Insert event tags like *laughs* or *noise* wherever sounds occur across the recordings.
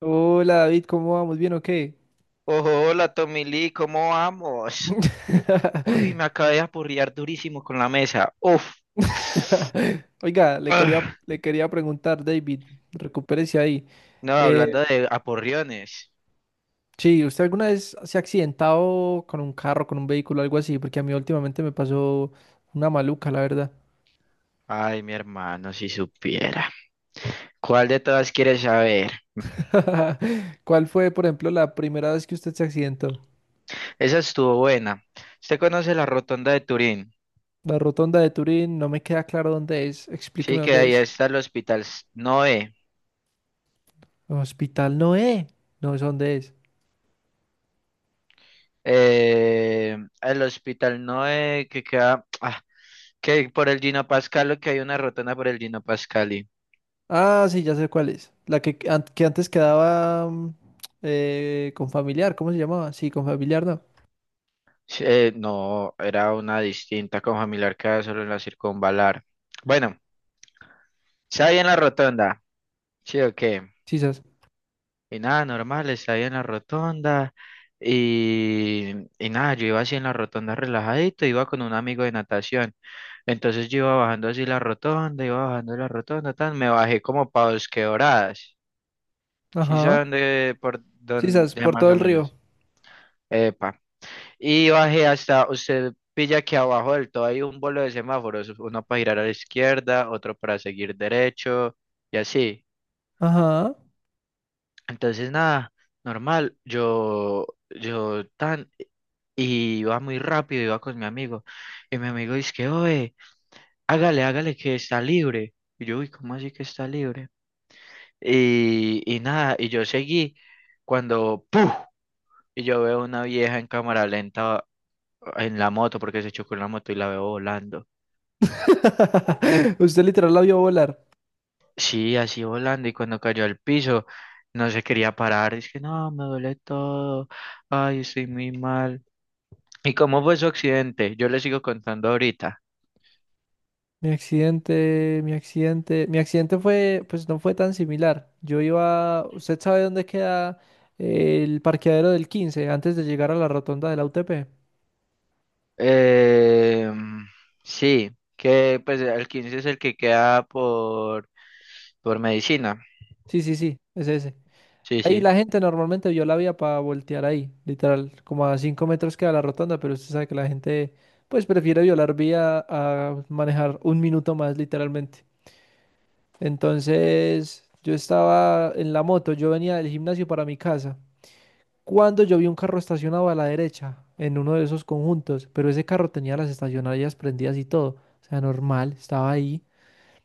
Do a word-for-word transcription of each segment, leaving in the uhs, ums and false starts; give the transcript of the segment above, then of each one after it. Hola David, ¿cómo vamos? ¿Bien o qué? Ojo, hola Tommy Lee, ¿cómo vamos? Uy, *laughs* me acabé de aporrear durísimo con la mesa. Uf. Oiga, le quería, Ah, le quería preguntar, David, recupérese ahí. no, Eh, hablando de aporreones. sí, ¿usted alguna vez se ha accidentado con un carro, con un vehículo, algo así? Porque a mí últimamente me pasó una maluca, la verdad. Ay, mi hermano, si supiera. ¿Cuál de todas quieres saber? *laughs* ¿Cuál fue, por ejemplo, la primera vez que usted se accidentó? Esa estuvo buena. ¿Usted conoce la rotonda de Turín? La rotonda de Turín, no me queda claro dónde es. Explíqueme Sí, que dónde ahí es. está el Hospital S- Noé. Hospital Noé, no es dónde es. Eh, el Hospital Noé que queda, ah, que por el Gino Pascalo, que hay una rotonda por el Gino Pascali. Ah, sí, ya sé cuál es. La que, an- que antes quedaba mm, eh, con familiar, ¿cómo se llamaba? Sí, con familiar, no. Eh, no, era una distinta con familiar que solo en la circunvalar. Bueno, estaba ahí en la rotonda, sí o qué. Sisas. Y nada, normal, estaba ahí en la rotonda. Y, y nada, yo iba así en la rotonda relajadito, iba con un amigo de natación. Entonces yo iba bajando así la rotonda, iba bajando la rotonda, tan, me bajé como para Bosque Doradas. ¿Sí Ajá. saben de por Sisas, dónde por más todo o el río. menos? Epa. Y bajé hasta, usted pilla que abajo del todo hay un bolo de semáforos, uno para girar a la izquierda, otro para seguir derecho y así. Ajá. Entonces nada, normal, yo, yo tan, y iba muy rápido, iba con mi amigo, y mi amigo dice que, oye, hágale, hágale que está libre. Y yo, uy, ¿cómo así que está libre? Y, y nada, y yo seguí cuando, ¡puf! Y yo veo una vieja en cámara lenta en la moto porque se chocó en la moto y la veo volando. *laughs* Usted literal la vio volar. Sí, así volando y cuando cayó al piso no se quería parar. Es que no, me duele todo. Ay, estoy muy mal. ¿Y cómo fue su accidente? Yo le sigo contando ahorita. Mi accidente, mi accidente. Mi accidente fue, pues no fue tan similar. Yo iba, ¿usted sabe dónde queda el parqueadero del quince antes de llegar a la rotonda de la U T P? Eh, sí, que pues el quince es el que queda por, por medicina. Sí, sí, sí, es ese. Sí, Ahí sí, la gente normalmente vio la vía para voltear ahí, literal, como a cinco metros queda la rotonda, pero usted sabe que la gente pues prefiere violar vía a manejar un minuto más, literalmente. Entonces, yo estaba en la moto, yo venía del gimnasio para mi casa, cuando yo vi un carro estacionado a la derecha, en uno de esos conjuntos, pero ese carro tenía las estacionarias prendidas y todo, o sea, normal, estaba ahí.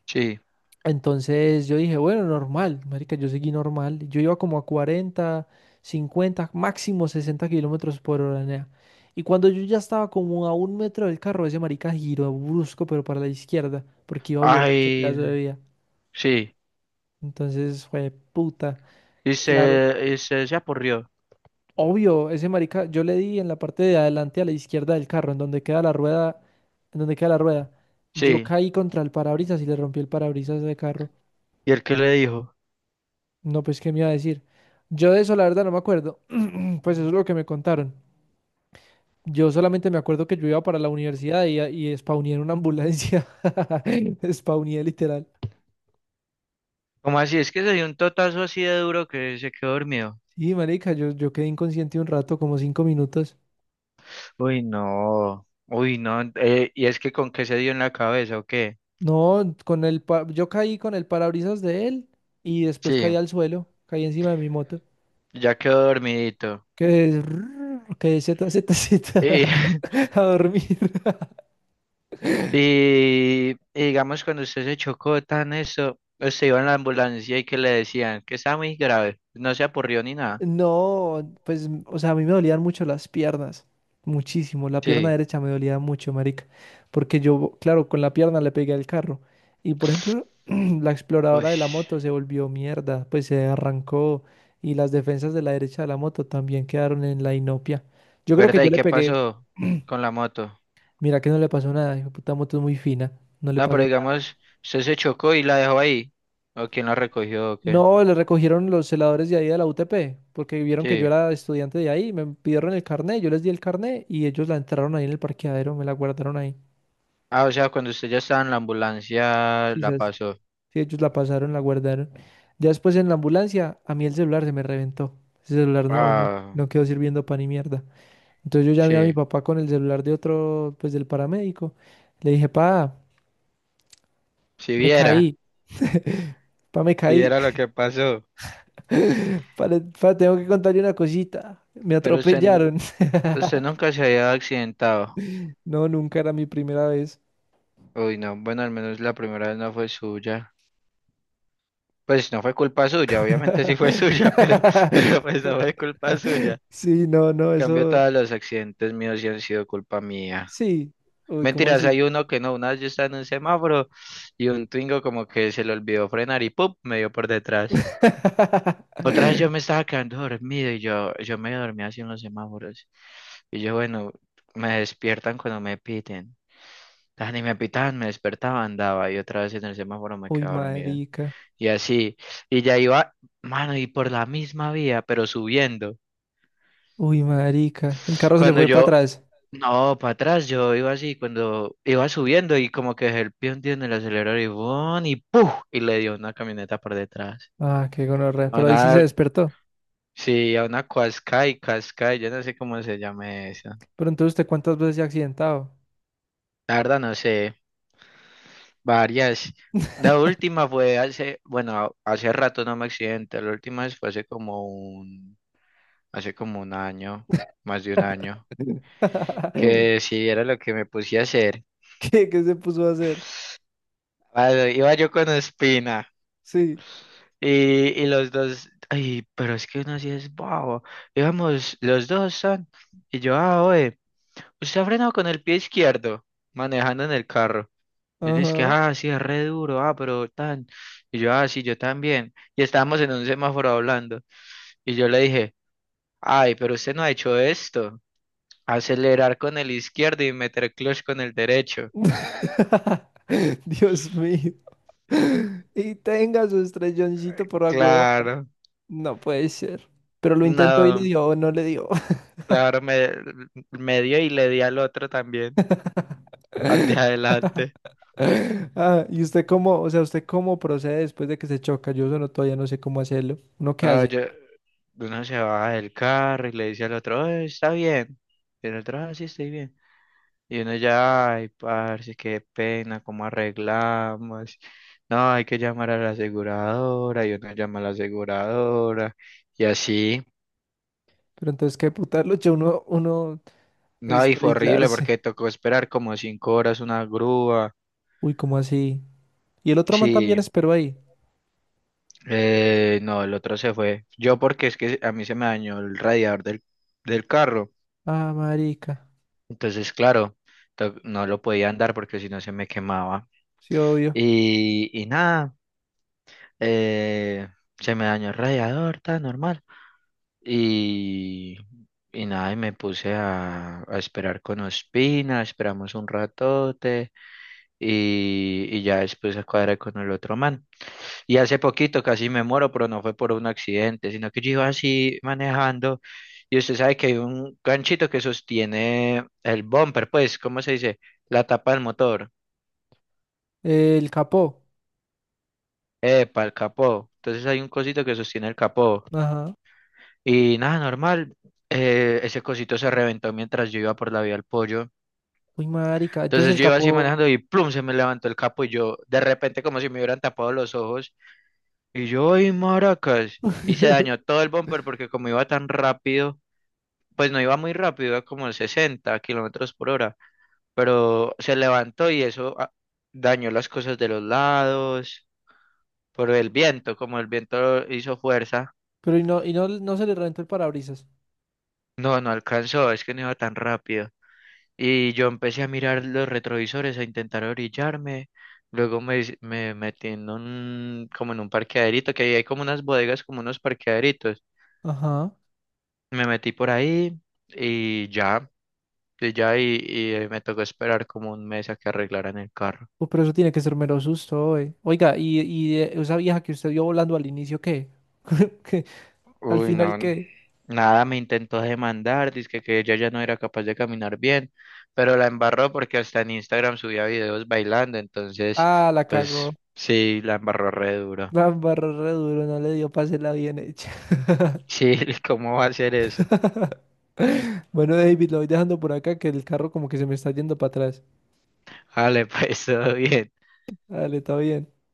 sí. Entonces yo dije, bueno, normal, marica, yo seguí normal. Yo iba como a cuarenta, cincuenta, máximo sesenta kilómetros por hora, nea. Y cuando yo ya estaba como a un metro del carro, ese marica giró brusco, pero para la izquierda, porque iba a violar ese Ay, pedazo de vía. sí. Entonces fue puta. Y Claro, se, y se, se apurrió. obvio, ese marica, yo le di en la parte de adelante a la izquierda del carro, en donde queda la rueda, en donde queda la rueda. Yo Sí. caí contra el parabrisas y le rompí el parabrisas de carro. ¿Y el que le dijo? No, pues, ¿qué me iba a decir? Yo de eso, la verdad, no me acuerdo. *clears throat* Pues eso es lo que me contaron. Yo solamente me acuerdo que yo iba para la universidad y, y spawné en una ambulancia. *laughs* Spawné literal. ¿Cómo así? Es que se dio un totazo así de duro que se quedó dormido. Sí, marica, yo, yo quedé inconsciente un rato, como cinco minutos. Uy, no, uy, no, eh, y es que con qué se dio en la cabeza o qué. No, con el pa- yo caí con el parabrisas de él y después caí Sí, al suelo, caí encima de mi moto. ya quedó dormidito. Quedé, *laughs* quedé ZZZ Y, *laughs* *laughs* a dormir. y, y digamos, cuando usted se chocó tan eso, usted iba en la ambulancia y que le decían que está muy grave, no se apurrió ni nada. No, pues, o sea, a mí me dolían mucho las piernas, muchísimo. La pierna Sí, derecha me dolía mucho, marica, porque yo, claro, con la pierna le pegué al carro. Y por ejemplo, *clears throat* la uy, exploradora de la moto se volvió mierda, pues se arrancó y las defensas de la derecha de la moto también quedaron en la inopia. Yo creo que ¿verdad? yo ¿Y le qué pegué, pasó *clears throat* con la moto? mira que no le pasó nada, hijo de puta moto es muy fina, no le No, pero pasó. digamos, usted se chocó y la dejó ahí, o quién la recogió o qué. No, le recogieron los celadores de ahí de la U T P, porque vieron que yo Sí, era estudiante de ahí, me pidieron el carnet, yo les di el carnet y ellos la entraron ahí en el parqueadero, me la guardaron ahí. ah, o sea, cuando usted ya estaba en la ambulancia, Sí, la ¿sabes? Sí, pasó. sí, ellos la pasaron, la guardaron. Ya después en la ambulancia, a mí el celular se me reventó. Ese celular no, no, Ah, no quedó sirviendo para ni mierda. Entonces yo llamé a mi sí. papá con el celular de otro, pues del paramédico. Le dije, pa, Si me viera, caí. *laughs* Pa, me si caí. viera lo que pasó. *laughs* Pa, le- pa, tengo que contarle una cosita. Me Pero usted, n- atropellaron. *laughs* usted nunca se había accidentado. No, nunca era mi primera vez. Uy, no, bueno, al menos la primera vez no fue suya. Pues no fue culpa suya, obviamente sí fue *laughs* suya, pero, pero *laughs* pues no fue culpa suya. Sí, no, no, En cambio, eso. todos los accidentes míos sí han sido culpa mía. Sí. Uy, ¿cómo Mentiras, así? hay uno que no, una vez yo estaba en un semáforo y un Twingo como que se le olvidó frenar y ¡pum! Me dio por detrás. Otra vez yo *laughs* me estaba quedando dormido y yo, yo me dormía así en los semáforos. Y yo, bueno, me despiertan cuando me piten. Ah, ni me pitaban, me despertaba, andaba y otra vez en el semáforo me Uy, quedaba dormido. marica. Y así, y ya iba, mano, y por la misma vía, pero subiendo. Uy, marica. El carro se le Cuando fue para yo, atrás. no, para atrás, yo iba así, cuando iba subiendo y como que dejé el pie hundido en el acelerador y ¡bum! Y ¡puf! Y le dio una camioneta por detrás. Ah, qué gonorrea. A Pero ahí una sí se despertó. Sí, a una Cuascay, Cascay, yo no sé cómo se llama eso. Pero entonces, ¿usted cuántas veces se ha accidentado? La verdad no sé, varias. La última fue hace, bueno, hace rato no me accidenté, la última vez fue hace como un, hace como un año, más de un año, *laughs* que sí era lo que me puse a hacer. ¿Qué, qué se puso a hacer? Ah, iba yo con Espina Sí. y, y los dos, ay, pero es que uno sí es bobo. Íbamos, los dos son, y yo, ah, oye, usted ha frenado con el pie izquierdo, manejando en el carro. Él dice que, Ajá. ah, sí, es re duro, ah, pero tan. Y yo, ah, sí, yo también. Y estábamos en un semáforo hablando. Y yo le dije, ay, pero usted no ha hecho esto. Acelerar con el izquierdo y meter clutch con el derecho. *laughs* Dios mío. Y tenga su estrelloncito por agua. Claro, No puede ser. Pero lo intentó y le no, dio o no le dio. claro, me, me dio y le di al otro también, al de *laughs* adelante. Ah, ¿y usted cómo, o sea, usted cómo procede después de que se choca? Yo solo todavía no sé cómo hacerlo. ¿Uno qué No, hace? yo, uno se baja del carro y le dice al otro, "Eh, está bien. Y el otro, ah, sí, estoy bien. Y uno ya, ay, parce, qué pena, cómo arreglamos. No, hay que llamar a la aseguradora, y uno llama a la aseguradora, y así. Pero entonces, ¿qué putarlo? Yo uno, uno No, y fue horrible estrellarse. porque tocó esperar como cinco horas una grúa. Uy, ¿cómo así? Y el otro man también Sí, esperó ahí. eh, no, el otro se fue. Yo porque es que a mí se me dañó el radiador del, del carro. Ah, marica. Entonces, claro, to- no lo podía andar porque si no se me quemaba. Sí, obvio. Y, y nada, eh, se me dañó el radiador, tan normal. Y, y nada, y me puse a, a esperar con Ospina, esperamos un ratote y, y ya después a cuadrar con el otro man. Y hace poquito casi me muero, pero no fue por un accidente, sino que yo iba así manejando y usted sabe que hay un ganchito que sostiene el bumper, pues, ¿cómo se dice? La tapa del motor, El capó. epa, el capó. Entonces hay un cosito que sostiene el capó Ajá. y nada, normal. Eh, ese cosito se reventó mientras yo iba por la vía al pollo. Uy, marica. Entonces Entonces el yo iba así capó. manejando y plum, se me levantó el capo y yo, de repente, como si me hubieran tapado los ojos, y yo, ¡ay, maracas! Y se dañó *laughs* todo el bumper porque como iba tan rápido, pues no iba muy rápido, iba como sesenta kilómetros por hora, pero se levantó y eso ah, dañó las cosas de los lados, por el viento, como el viento hizo fuerza, Pero y no, y no, no se le reventó el parabrisas. no, no alcanzó, es que no iba tan rápido. Y yo empecé a mirar los retrovisores, a intentar orillarme. Luego me, hice- me metí en un, como en un parqueaderito, que ahí hay como unas bodegas, como unos parqueaderitos. Ajá. Me metí por ahí y ya, y ya, y, y, eh, me tocó esperar como un mes a que arreglaran el carro. Uh, pero eso tiene que ser mero susto, oe. Oiga, y, y eh, esa vieja que usted vio volando al inicio, ¿qué? *laughs* ¿Qué? ¿Al Uy, final no, n- qué? nada, me intentó demandar, dice que ella ya no era capaz de caminar bien, pero la embarró porque hasta en Instagram subía videos bailando, entonces, Ah, la pues cagó. sí, la embarró re duro. La embarró re duro, no le dio pase la bien hecha. Sí, *laughs* ¿cómo va a ser eso? *laughs* Bueno, David, lo voy dejando por acá que el carro como que se me está yendo para atrás. Vale, *laughs* pues todo bien. Dale, está bien.